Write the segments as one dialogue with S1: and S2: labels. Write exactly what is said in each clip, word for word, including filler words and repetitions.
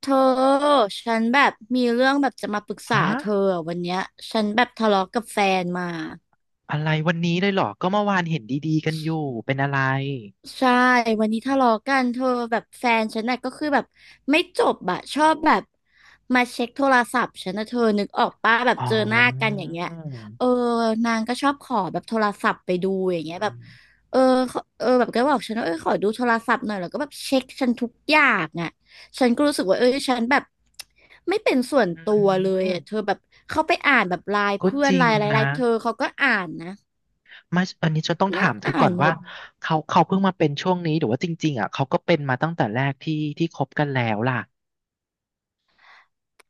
S1: เธอฉันแบบมีเรื่องแบบจะมาปรึกษา
S2: ฮะ
S1: เธออะวันเนี้ยฉันแบบทะเลาะกับแฟนมา
S2: อะไรวันนี้เลยเหรอก็เมื่อวานเห็นดีๆกันอยู่เป็นอะไร
S1: ใช่วันนี้ทะเลาะกันเธอแบบแฟนฉันน่ะก็คือแบบไม่จบอะชอบแบบมาเช็คโทรศัพท์ฉันนะเธอนึกออกป้าแบบ
S2: อ๋อ
S1: เจอหน้ากันอย่างเงี้ยเออนางก็ชอบขอแบบโทรศัพท์ไปดูอย่างเงี้
S2: อื
S1: ยแบบ
S2: ม
S1: เออขอเออแบบก็บอกฉันว่าเออขอดูโทรศัพท์หน่อยแล้วก็แบบเช็คฉันทุกอย่างอะฉันก็รู้สึกว่าเออฉันแบบไม่เป็นส่วน
S2: อื
S1: ตัวเลย
S2: ม
S1: อะเธอแบบเข้าไปอ่านแบบไลน์
S2: ก็
S1: เพื่อ
S2: จ
S1: น
S2: ริ
S1: ไล
S2: ง
S1: น์อะไรไล
S2: นะ
S1: น์เธอเขาก็อ่านนะ
S2: มาอันนี้ฉันต้องถา
S1: นั่ง
S2: มเธอ
S1: อ่า
S2: ก่อ
S1: น
S2: น
S1: หม
S2: ว่า
S1: ด
S2: เขาเขาเพิ่งมาเป็นช่วงนี้หรือว่าจริงๆอ่ะเขาก็เป็นมาตั้งแต่แรกที่ที่คบกันแล้วล่ะ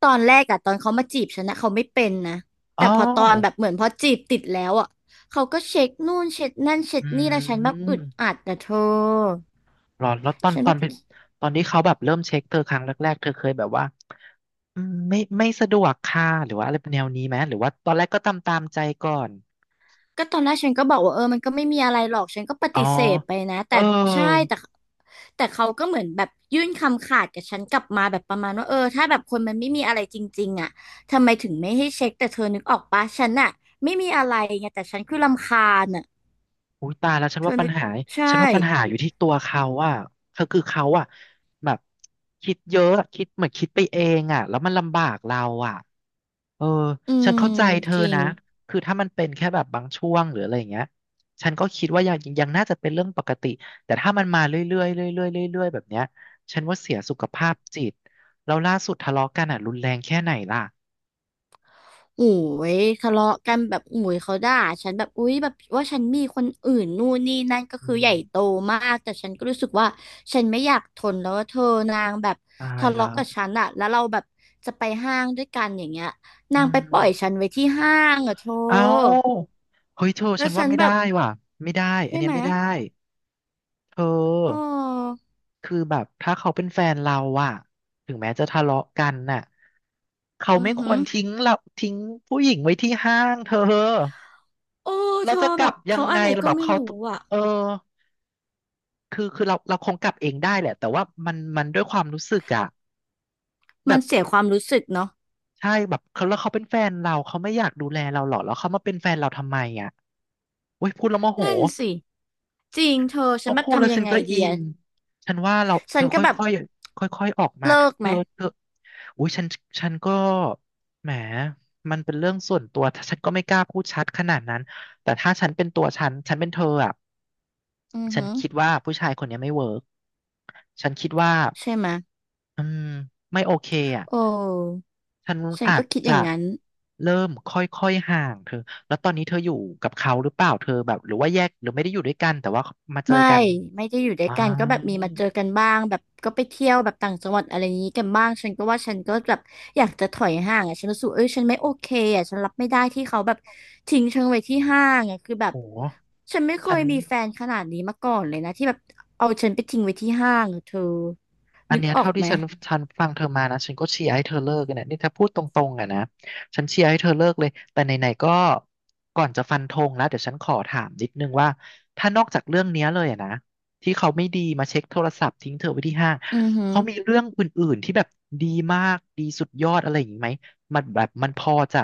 S1: ตอนแรกอะตอนเขามาจีบฉันนะเขาไม่เป็นนะ
S2: อ๋
S1: แต่
S2: อ
S1: พอตอนแบบเหมือนพอจีบติดแล้วอะเขาก็เช็คนู่นเช็คนั่นเช็ค
S2: อื
S1: นี่แล้วฉันแบบอึ
S2: ม
S1: ดอัดนะเธอ
S2: หรอแล้วตอน
S1: ฉัน
S2: ตอ
S1: แบ
S2: น
S1: บ
S2: เป็นตอนที่เขาแบบเริ่มเช็คเธอครั้งแรกๆเธอเคยแบบว่าอืมไม่ไม่สะดวกค่ะหรือว่าอะไรแนวนี้ไหมหรือว่าตอนแรกก็ตามตามใจก่อน
S1: ก็ตอนแรกฉันก็บอกว่าเออมันก็ไม่มีอะไรหรอกฉันก็ป
S2: อ๋อ
S1: ฏิเสธไปนะ
S2: เอ
S1: แต่ใช่
S2: อ
S1: แต่แต่เขาก็เหมือนแบบยื่นคำขาดกับฉันกลับมาแบบประมาณว่าเออถ้าแบบคนมันไม่มีอะไรจริงๆอะทำไมถึงไม่ให้เช็คแต่เธอนึกออกปะฉันอะไม่มีอะไรไงแต่ฉันคือรำคาญอะ
S2: อุ้ยตายแล้วฉัน
S1: เธ
S2: ว่า
S1: อ
S2: ปั
S1: นึ
S2: ญ
S1: ก
S2: หาฉัน
S1: ใช่
S2: ว่าปัญหาอยู่ที่ตัวเขาอ่ะเขาคือเขาอ่ะแบบคิดเยอะอะคิดเหมือนคิดไปเองอ่ะแล้วมันลำบากเราอ่ะเออ
S1: อื
S2: ฉัน
S1: ม
S2: เข้าใจเธอ
S1: จริง
S2: นะคือถ้ามันเป็นแค่แบบบางช่วงหรืออะไรอย่างเงี้ยฉันก็คิดว่ายังยังน่าจะเป็นเรื่องปกติแต่ถ้ามันมาเรื่อยๆเรื่อยๆเรื่อยๆแบบเนี้ยฉันว่าเสียสุขภาพจิตแล้วล่าสุดทะเลาะกันอ่ะรุนแรงแค่ไหนล่ะ
S1: โอ้ยทะเลาะกันแบบโอ้ยเขาด่าฉันแบบอุ้ยแบบว่าฉันมีคนอื่นนู่นนี่นั่นก็
S2: อื
S1: คือใหญ่
S2: ม
S1: โตมากแต่ฉันก็รู้สึกว่าฉันไม่อยากทนแล้วว่าเธอนางแบบ
S2: ตาย
S1: ทะ
S2: แล้
S1: เลาะ
S2: ว
S1: กับฉันอะแล้วเราแบบจะไปห้างด้วยกันอย่างเงี้ย
S2: อื
S1: นางไปปล่อยฉัน
S2: ม
S1: ไว้ที่ห้างอะเธอ
S2: เอาเฮ้ยเธอ
S1: แล้
S2: ฉั
S1: ว
S2: นว่า
S1: ฉัน
S2: ไม่
S1: แบบ
S2: ได้ว่ะไม่ได้อัน
S1: ได้
S2: เนี้ย
S1: ไหม
S2: ไม่ได้เธอ
S1: โอ้อ
S2: คือแบบถ้าเขาเป็นแฟนเราอะถึงแม้จะทะเลาะกันน่ะเขา
S1: อื
S2: ไม่
S1: อ
S2: ค
S1: หื
S2: ว
S1: อ
S2: รทิ้งเราทิ้งผู้หญิงไว้ที่ห้างเธอ
S1: โอ้เธ
S2: เรา
S1: อ
S2: จะก
S1: แบ
S2: ลับ
S1: บ
S2: ยั
S1: เขา
S2: ง
S1: อะ
S2: ไง
S1: ไร
S2: เรา
S1: ก็
S2: แบบ
S1: ไม่
S2: เขา
S1: รู้อะ
S2: เออคือคือเราเราคงกลับเองได้แหละแต่ว่ามันมันด้วยความรู้สึกอะ
S1: มั
S2: แบ
S1: น
S2: บ
S1: เสียความรู้สึกเนาะ
S2: ใช่แบบเขาแล้วเขาเป็นแฟนเราเขาไม่อยากดูแลเราหรอแล้วเขามาเป็นแฟนเราทำไมอะโอ้ยพูดแล้วโมโห
S1: นั่นสิจริงเธอ
S2: พ
S1: ฉั
S2: อ
S1: นแบบ
S2: พูดแล้ว
S1: ทำยั
S2: ฉั
S1: ง
S2: น
S1: ไง
S2: ก็
S1: ดี
S2: อิน
S1: อะ
S2: ฉันว่าเรา
S1: ฉั
S2: เธ
S1: น
S2: อ
S1: ก็
S2: ค
S1: แบบ
S2: ่อยๆค่อยๆออกมา
S1: เลิก
S2: เธ
S1: ไหม
S2: อเธออุ้ยฉันฉันก็แหมมันเป็นเรื่องส่วนตัวถ้าฉันก็ไม่กล้าพูดชัดขนาดนั้นแต่ถ้าฉันเป็นตัวฉัน ฉันเป็นเธออ่ะ
S1: อือ
S2: ฉัน
S1: ฮึ
S2: คิดว่าผู้ชายคนเนี้ยไม่เวิร์กฉันคิดว่า
S1: ใช่ไหม
S2: อืมไม่โอเคอ่ะ
S1: โอ้
S2: ฉัน
S1: ฉัน
S2: อา
S1: ก็
S2: จ
S1: คิดอ
S2: จะ
S1: ย่างนั้น
S2: เริ่มค่อยๆห่างเธอ แล้วตอนนี้เธออยู่กับเขาหรือเปล่าเธอแบบหรือว่าแยกหรือไม่ได้อยู่ด้วยกันแต่ว่ามาเจอ
S1: ไม่
S2: กัน
S1: ไม่ได้อยู่ด้ว
S2: อ๋อ
S1: ยกันก็แบบมีมาเจอกันบ้าง แบบก็ไปเที่ยวแบบต่างจังหวัดอะไรอย่างนี้กันบ้างฉันก็ว่าฉันก็แบบอยากจะถอยห่างอ่ะฉันรู้สึกเอ้ยฉันไม่โอเคอ่ะฉันรับไม่ได้ที่เขาแบบทิ้งฉันไว้ที่ห้างอ่ะคือแบบ
S2: โอ้
S1: ฉันไม่เค
S2: ฉั
S1: ย
S2: น
S1: มีแฟนขนาดนี้มาก่อนเลยนะที่แบบเอาฉันไปทิ้งไว้ที่ห้างอะเธอ
S2: อัน
S1: นึก
S2: เนี้ย
S1: ออ
S2: เท่า
S1: ก
S2: ที่
S1: ไหม
S2: ฉันฉันฟังเธอมานะฉันก็เชียร์ให้เธอเลิกกันเนี่ยนี่ถ้าพูดตรงๆอะนะฉันเชียร์ให้เธอเลิกเลยแต่ไหนๆก็ก่อนจะฟันธงแล้วเดี๋ยวฉันขอถามนิดนึงว่าถ้านอกจากเรื่องเนี้ยเลยอะนะที่เขาไม่ดีมาเช็คโทรศัพท์ทิ้งเธอไว้ที่ห้าง
S1: อือฮึ
S2: เขามีเรื่องอื่นๆที่แบบดีมากดีสุดยอดอะไรอย่างนี้ไหมมันแบบมันพอจะ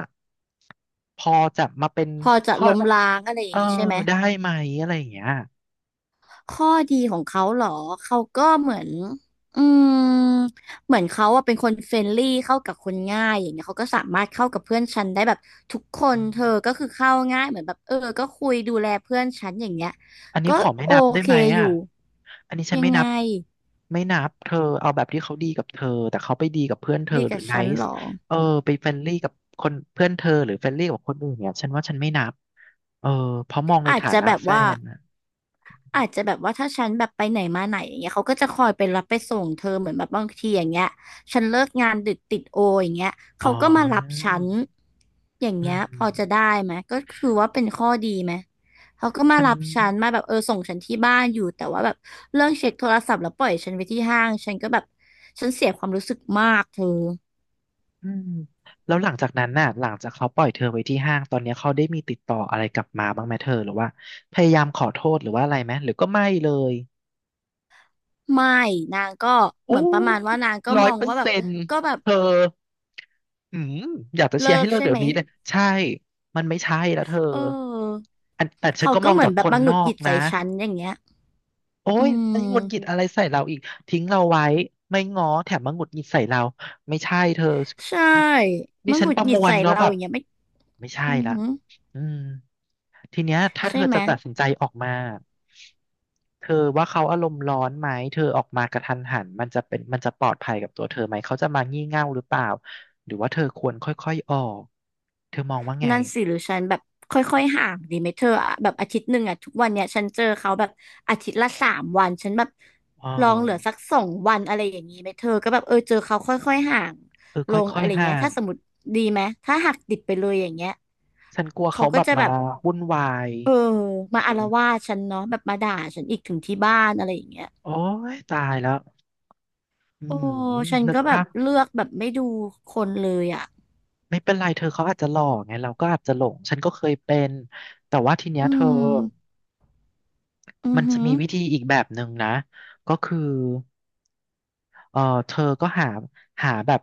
S2: พอจะมาเป็น
S1: พอจะ
S2: ข้อ
S1: ล้มล้างอะไรอ
S2: เอ
S1: ย่า
S2: อ
S1: งนี้ใช่ไหม
S2: ได้ไหมอะไรอย่างเงี้ย
S1: ข้อดีของเขาเหรอ เขาก็เหมือนอืมเหมือนเขาอะเป็นคนเฟรนลี่เข้ากับคนง่ายอย่างเงี้ยเขาก็สามารถเข้ากับเพื่อนฉันได้แบบทุกคน
S2: อืม
S1: เธอก็คือเข้าง่ายเหมือนแบบเออก็คุยดูแลเพื่อนฉันอย่างเงี้ย
S2: อันนี้
S1: ก็
S2: ขอไม่
S1: โอ
S2: นับได้
S1: เค
S2: ไหม
S1: อ
S2: อ่ะ
S1: ยู่
S2: อันนี้ฉัน
S1: ยัง
S2: ไม่
S1: ไง
S2: นับ ไม่นับเธอเอาแบบที่เขาดีกับเธอแต่เขาไปดีกับเพื่อนเธอ
S1: ดี
S2: หรื
S1: กั
S2: อ
S1: บ
S2: ไน
S1: ฉันเหร
S2: ซ์
S1: อ
S2: เออไปเฟรนลี่กับคนเพื่อนเธอหรือเฟรนลี่กับคนอื่นเนี่ยฉันว่าฉันไม่นับ เออเพราะมองใน
S1: อาจ
S2: ฐา
S1: จะ
S2: นะ
S1: แบบ
S2: แฟ
S1: ว่า
S2: นอะ
S1: อาจจะแบบว่าถ้าฉันแบบไปไหนมาไหนอย่างเงี้ยเขาก็จะคอยไปรับไปส่งเธอเหมือนแบบบางทีอย่างเงี้ยฉันเลิกงานดึกติดโออย่างเงี้ย
S2: อ๋อ
S1: เขาก็มารับฉันอย่าง
S2: อื
S1: เงี้ยพอจะ
S2: ม
S1: ได้ไหมก็คือว่าเป็นข้อดีไหมเขาก็มา
S2: ฉัน
S1: รับฉันมาแบบเออส่งฉันที่บ้านอยู่แต่ว่าแบบเรื่องเช็คโทรศัพท์แล้วปล่อยฉันไว้ที่ห้างฉันก็แบบฉันเสียความรู้สึกมากเธอ
S2: อืมแล้วหลังจากนั้นน่ะหลังจากเขาปล่อยเธอไว้ที่ห้างตอนนี้เขาได้มีติดต่ออะไรกลับมาบ้างไหมเธอหรือว่าพยายามขอโทษหรือว่าอะไรไหมหรือก็ไม่เลย
S1: ไม่นางก็เหมื
S2: โอ้
S1: อนประมาณว่านางก็
S2: ร้อ
S1: ม
S2: ย
S1: อง
S2: เปอ
S1: ว่า
S2: ร์
S1: แบบ
S2: เซ็นต์
S1: ก็แบบ
S2: เธอ อืมอยากจะเชียร์
S1: เลิ
S2: ให้
S1: ก
S2: เลิก
S1: ใช่
S2: เดี๋ย
S1: ไหม
S2: วนี้เลยใช่มันไม่ใช่แล้วเธอ
S1: เออ
S2: อันแต่ฉัน
S1: เขา
S2: ก็ม
S1: ก็
S2: อง
S1: เหมือ
S2: จา
S1: น
S2: ก
S1: แบ
S2: ค
S1: บ
S2: น
S1: มาห
S2: น
S1: งุด
S2: อ
S1: ห
S2: ก
S1: งิดใส่
S2: นะ
S1: ฉันอย่างเงี้ย
S2: โอ้
S1: อื
S2: ยมันหงุดหงิด
S1: ม
S2: อะไรใส่เราอีกทิ้งเราไว้ไม่ง้อแถมมาหงุดหงิดใส่เราไม่ใช่เธอ
S1: ใช่
S2: นี่
S1: มัน
S2: ฉั
S1: ห
S2: น
S1: งุ
S2: ป
S1: ด
S2: ระ
S1: หงิ
S2: ม
S1: ด
S2: วล
S1: ใส่
S2: แล้ว
S1: เรา
S2: แบ
S1: อ
S2: บ
S1: ย่างเงี้ยไม่
S2: ไม่ใช่
S1: อือ
S2: ละ
S1: หือ
S2: อืมทีเนี้ยถ้าเธ
S1: ใช่
S2: อ
S1: ไหม
S2: จะตัดสินใจออกมาเธอว่าเขาอารมณ์ร้อนไหมเธอออกมากระทันหันมันจะเป็นมันจะปลอดภัยกับตัวเธอไหมเขาจะมางี่เง่าหรือเปล่าหรือว่าเธอควรค่อยๆออกเธอมองว่าไง
S1: นั่นสิหรือฉันแบบค่อยๆห่างดีไหมเธออะแบบอาทิตย์หนึ่งอะทุกวันเนี่ยฉันเจอเขาแบบอาทิตย์ละสามวันฉันแบบ
S2: อ๋อ
S1: ลองเหลือสักสองวันอะไรอย่างนี้ไหมเธอก็แบบเออเจอเขาค่อยๆห่าง
S2: เออค
S1: ลง
S2: ่อ
S1: อะ
S2: ย
S1: ไร
S2: ๆห่า
S1: เงี้ย
S2: ง
S1: ถ้าสมมติดีไหมถ้าหักดิบไปเลยอย่างเงี้ย
S2: ฉันกลัว
S1: เขา
S2: เขา
S1: ก็
S2: แบบ
S1: จะ
S2: มา
S1: แบบ
S2: วุ่นวาย
S1: เออ
S2: เอ
S1: มา
S2: อ
S1: อาละวาดฉันเนาะแบบมาด่าฉันอีกถึงที่บ้านอะไรอย่างเงี้ย
S2: โอ้ยตายแล้วอื
S1: โอ้
S2: ม
S1: ฉัน
S2: นึก
S1: ก็แบ
S2: ภา
S1: บ
S2: พ
S1: เลือกแบบไม่ดูคนเลยอ่ะ
S2: ไม่เป็นไรเธอเขาอาจจะหลอกไงเราก็อาจจะหลงฉันก็เคยเป็นแต่ว่าทีเนี้ย
S1: อื
S2: เธอ
S1: มอื
S2: มั
S1: อ
S2: นจะ
S1: หือ
S2: มีวิธีอีกแบบหนึ่งนะก็คือ เออเธอก็หาหาแบบ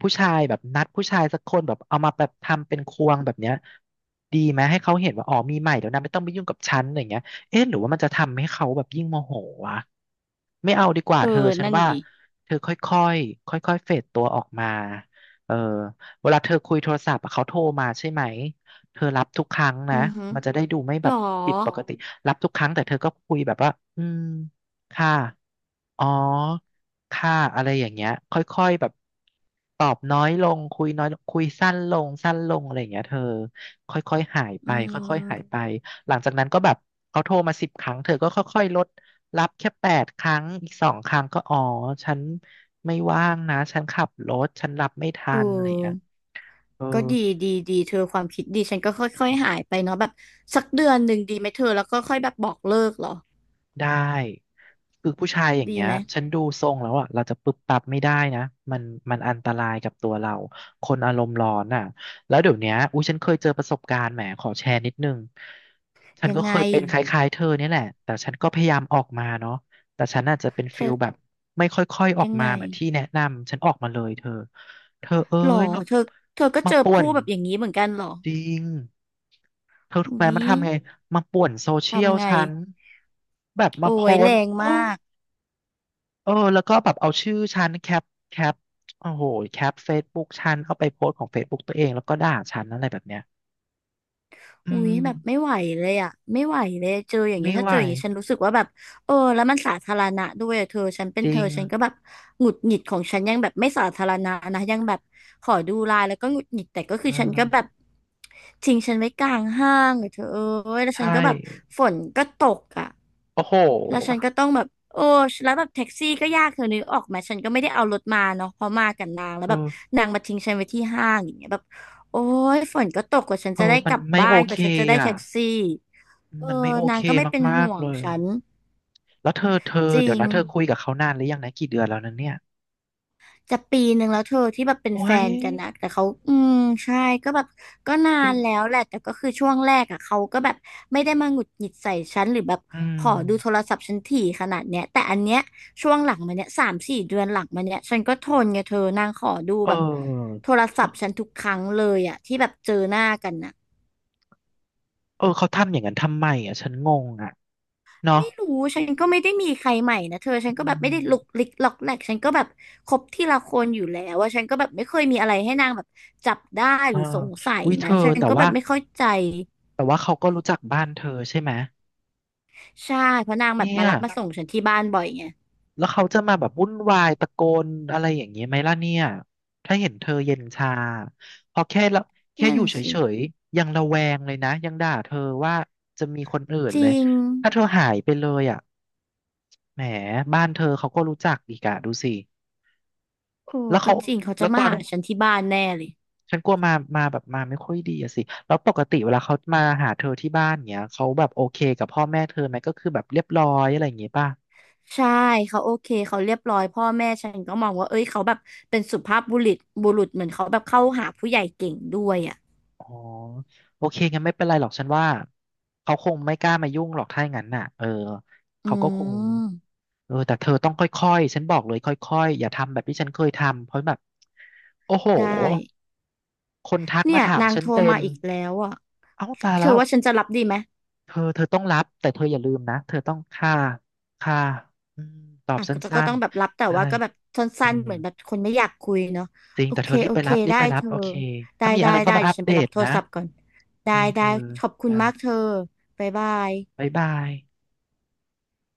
S2: ผู้ชายแบบนัดผู้ชายสักคนแบบเอามาแบบทำเป็นควงแบบเนี้ยดีไหมให้เขาเห็นว่าอ๋อมีใหม่เดี๋ยวนะไม่ต้องไปยุ่งกับฉันอะไรย่างเงี้ยเอ๊ะหรือว่ามันจะทำให้เขาแบบยิ่งโมโหวะไม่เอาดีกว่า
S1: เอ
S2: เธอ
S1: อ
S2: ฉัน
S1: นั่น
S2: ว่า
S1: ดิ
S2: เธอค่อยๆค่อยๆเฟดตัวออกมาเออเวลาเธอคุยโทรศัพท์อะเขาโทรมาใช่ไหมเธอรับทุกครั้งนะ
S1: อือหือ
S2: มันจะได้ดูไม่แบ
S1: หร
S2: บ
S1: อ
S2: ผิดปกติรับทุกครั้งแต่เธอก็คุยแบบว่าอืมค่ะ อ๋อค่ะอะไรอย่างเงี้ยค่อยๆแบบตอบน้อยลงคุยน้อยลงคุยสั้นลงสั้นลงอะไรอย่างเงี้ยเธอค่อยๆหายไป
S1: อื
S2: ค่อย
S1: ม
S2: ๆหายไปหลังจากนั้นก็แบบเขาโทรมาสิบครั้งเธอก็ค่อยๆลดรับแค่แปดครั้งอีกสองครั้งก็อ๋อฉันไม่ว่างนะฉันขับรถฉันรับไม่ทั
S1: เอ
S2: นอะไรอย่างเงี้ย
S1: อ
S2: เออ
S1: ก็ดีดีดีเธอความคิดดีฉันก็ค่อยๆหายไปเนาะแบบสักเดือนหนึ่งดีไหมเธอแล้วก็ค่อยแบบบอกเลิกเหรอ
S2: ได้คือผู้ชายอย่าง
S1: ดี
S2: เงี้ย
S1: ไหม
S2: ฉันดูทรงแล้วอ่ะเราจะปึ๊บปั๊บไม่ได้นะมันมันอันตรายกับตัวเราคนอารมณ์ร้อนอ่ะแล้วเดี๋ยวเนี้ยอุ้ยฉันเคยเจอประสบการณ์แหมขอแชร์นิดนึงฉัน
S1: ยัง
S2: ก็
S1: ไง
S2: เคยเป็นคล้ายๆเธอเนี่ยแหละแต่ฉันก็พยายามออกมาเนาะแต่ฉันอาจจะเป็น
S1: เธ
S2: ฟิ
S1: อ
S2: ลแบบไม่ค่อยๆออก
S1: ยัง
S2: มา
S1: ไง
S2: เหมือนที่แนะนำฉันออกมาเลยเธอเธอเอ้
S1: หรอ
S2: ยมา
S1: เธอเธอก็
S2: มา
S1: เจอ
S2: ป่ว
S1: ผู้
S2: น
S1: แบบอย่างนี้เหมือนกันเหรอ
S2: จริง เธอถูกไหมมัน
S1: วิ
S2: ทำไง มาป่วนโซเชียล
S1: ทำไง
S2: ฉันแบบมา
S1: โอ้
S2: โพ
S1: ย
S2: ส
S1: แร
S2: ต์
S1: งมา
S2: โอ้
S1: ก
S2: เออแล้วก็แบบเอาชื่อฉันแคปแคปโอ้โหแคปเฟซบุ๊กฉันเอาไปโพสต์ของเฟซบุ๊กตัวเองแล้วก็ด่าฉันอะไรแบบเนี้ยอื
S1: อุ๊ยแบบไม่
S2: ม
S1: ไหวเลยอ่ะไม่ไหวเลยเจออย่างเงี้
S2: ไม่
S1: ยถ้า
S2: ไหว
S1: เจออย่างงี้ฉันรู้สึกว่าแบบเออแล้วมันสาธารณะด้วยอะเธอฉันเป็
S2: จ
S1: นเธ
S2: ริ
S1: อ
S2: ง
S1: ฉันก็แบบหงุดหงิดของฉันยังแบบไม่สาธารณะนะยังแบบขอดูไลน์แล้วก็หงุดหงิดแต่ก็คื
S2: เอ
S1: อฉันก็แบบ
S2: อ
S1: ทิ้งฉันไว้กลางห้างอะเธอเอ้ยแล้วฉั
S2: ใช่
S1: นก็แบบฝนก็ตกอ่ะ
S2: โอ้โห
S1: แล้วฉันก็ต้องแบบโอ้แล้วแบบแท็กซี่ก็ยากเธอนึกออกไหมฉันก็ไม่ได้เอารถมาเนาะเพราะมากับนาง
S2: เธ
S1: แล้วแบบ
S2: อ
S1: นางมาทิ้งฉันไว้ที่ห้างอย่างเงี้ยแบบโอ้ยฝนก็ตกกว่าฉัน
S2: เธ
S1: จะ
S2: อ
S1: ได้
S2: มั
S1: ก
S2: น
S1: ลับ
S2: ไม่
S1: บ้า
S2: โอ
S1: นก
S2: เค
S1: ว่าฉันจะได้
S2: อ่ะ
S1: แท็กซี่เออ
S2: มันไม่โอ
S1: นา
S2: เค
S1: งก็ไม่เป็น
S2: มา
S1: ห่
S2: ก
S1: ว
S2: ๆเล
S1: ง
S2: ย
S1: ฉัน
S2: แล้วเธอเธอ
S1: จริ
S2: เดี๋ยว
S1: ง
S2: นะเธอคุยกับเขานานหรือยังนะกี่เดือนแล้วนะเนี่ย
S1: จะปีหนึ่งแล้วเธอที่แบบเป็น
S2: โอ้
S1: แฟ
S2: ย
S1: นกันนะแต่เขาอืมใช่ก็แบบก็นานแล้วแหละแต่ก็คือช่วงแรกอ่ะเขาก็แบบไม่ได้มาหงุดหงิดใส่ฉันหรือแบบ
S2: อื
S1: ขอดูโท
S2: ม
S1: รศัพท์ฉันถี่ขนาดเนี้ยแต่อันเนี้ยช่วงหลังมาเนี้ยสามสี่เดือนหลังมาเนี้ยฉันก็ทนไงเธอนางขอดู
S2: เ
S1: แบบ
S2: ออ
S1: โทรศัพท์ฉันทุกครั้งเลยอ่ะที่แบบเจอหน้ากันน่ะ
S2: เออเขาทำอย่างนั้นทำไมอ่ะฉันงงอ่ะเนาะ
S1: ไม่รู้ฉันก็ไม่ได้มีใครใหม่นะเธอฉัน
S2: อื
S1: ก็แบบไม่
S2: ม
S1: ได้ลุกลิกล็อกแหลกฉันก็แบบคบทีละคนอยู่แล้วว่าฉันก็แบบไม่เคยมีอะไรให้นางแบบจับได้
S2: เอ
S1: ห
S2: อ
S1: รือสงสัย
S2: วิเธ
S1: นะ
S2: อ
S1: ฉัน
S2: แต่
S1: ก็แบ
S2: ว่า
S1: บไม่เข้าใจ
S2: แต่ว่าเขาก็รู้จักบ้านเธอใช่ไหม
S1: ใช่เพราะนางแบบ
S2: เนี่
S1: มา
S2: ย
S1: รับมาส่งฉันที่บ้านบ่อยไง
S2: แล้วเขาจะมาแบบวุ่นวายตะโกนอะไรอย่างเงี้ยไหมล่ะเนี่ยถ้าเห็นเธอเย็นชาพอแค่ละแค่
S1: นั่
S2: อ
S1: น
S2: ยู่เฉ
S1: สิ
S2: ยๆยังระแวงเลยนะยังด่าเธอว่าจะมีคนอื่น
S1: จ
S2: เลย
S1: ริง
S2: ถ้าเธอหายไปเลยอ่ะแหมบ้านเธอเขาก็รู้จักอีกอะดูสิ
S1: โอ้
S2: แล้ว
S1: ก็
S2: เขา
S1: จริงเขาจะ
S2: แล้วต
S1: มา
S2: อน
S1: หาฉันที่บ้านแน่เลย
S2: ฉันกลัวมามาแบบมาไม่ค่อยดีอะสิแล้วปกติเวลาเขามาหาเธอที่บ้านเนี้ยเขาแบบโอเคกับพ่อแม่เธอไหมก็คือแบบเรียบร้อยอะไรอย่างงี้ป่ะ
S1: ใช่เขาโอเคเขาเรียบร้อยพ่อแม่ฉันก็มองว่าเอ้ยเขาแบบเป็นสุภาพบุรุษบุรุษเหมือนเขาแบบเข้าหาผู้ใหญ่เก่งด้วยอ่ะ
S2: อ๋อโอเคงั้นไม่เป็นไรหรอกฉันว่าเขาคงไม่กล้ามายุ่งหรอกถ้าอย่างนั้นน่ะเออ
S1: อื
S2: เขาก็คง
S1: ม
S2: เออแต่เธอต้องค่อยๆฉันบอกเลยค่อยๆอย่าทำแบบที่ฉันเคยทำเพราะแบบโอ้โห
S1: ได้
S2: คนทัก
S1: เนี่
S2: มา
S1: ย
S2: ถาม
S1: นาง
S2: ฉัน
S1: โทร
S2: เต็
S1: มา
S2: ม
S1: อีกแล้วอ่ะ
S2: เอ้าตาย
S1: เธ
S2: แล้
S1: อ
S2: ว
S1: ว่าฉันจะรับดีไหม
S2: เธอเธอต้องรับแต่เธออย่าลืมนะเธอต้องค่าค่าอืมตอบ
S1: อ่ะ
S2: ส
S1: ก็
S2: ั้
S1: ก็ต้
S2: น
S1: องแบบรับแต่
S2: ๆได้
S1: ว่าก็แบบส
S2: เออ
S1: ั้นๆเหมือนแบบคนไม่อยากคุยเนาะ
S2: จริง
S1: โอ
S2: แต่
S1: เค
S2: เธอรีบ
S1: โอ
S2: ไป
S1: เค
S2: รับรีบ
S1: ได้
S2: ไปรั
S1: เธ
S2: บ
S1: อ
S2: โอเค
S1: ได้
S2: ถ้ามี
S1: ได้
S2: อะไรก็
S1: ได้
S2: มา
S1: เดี๋
S2: อั
S1: ยว
S2: ป
S1: ฉัน
S2: เด
S1: ไปรั
S2: ต
S1: บโทร
S2: นะ
S1: ศัพท์ก่อน
S2: โอเค
S1: ได้
S2: เธ
S1: ได้
S2: อ
S1: ขอบคุณ
S2: จ้า
S1: มากเธอบ๊ายบาย
S2: บ๊ายบาย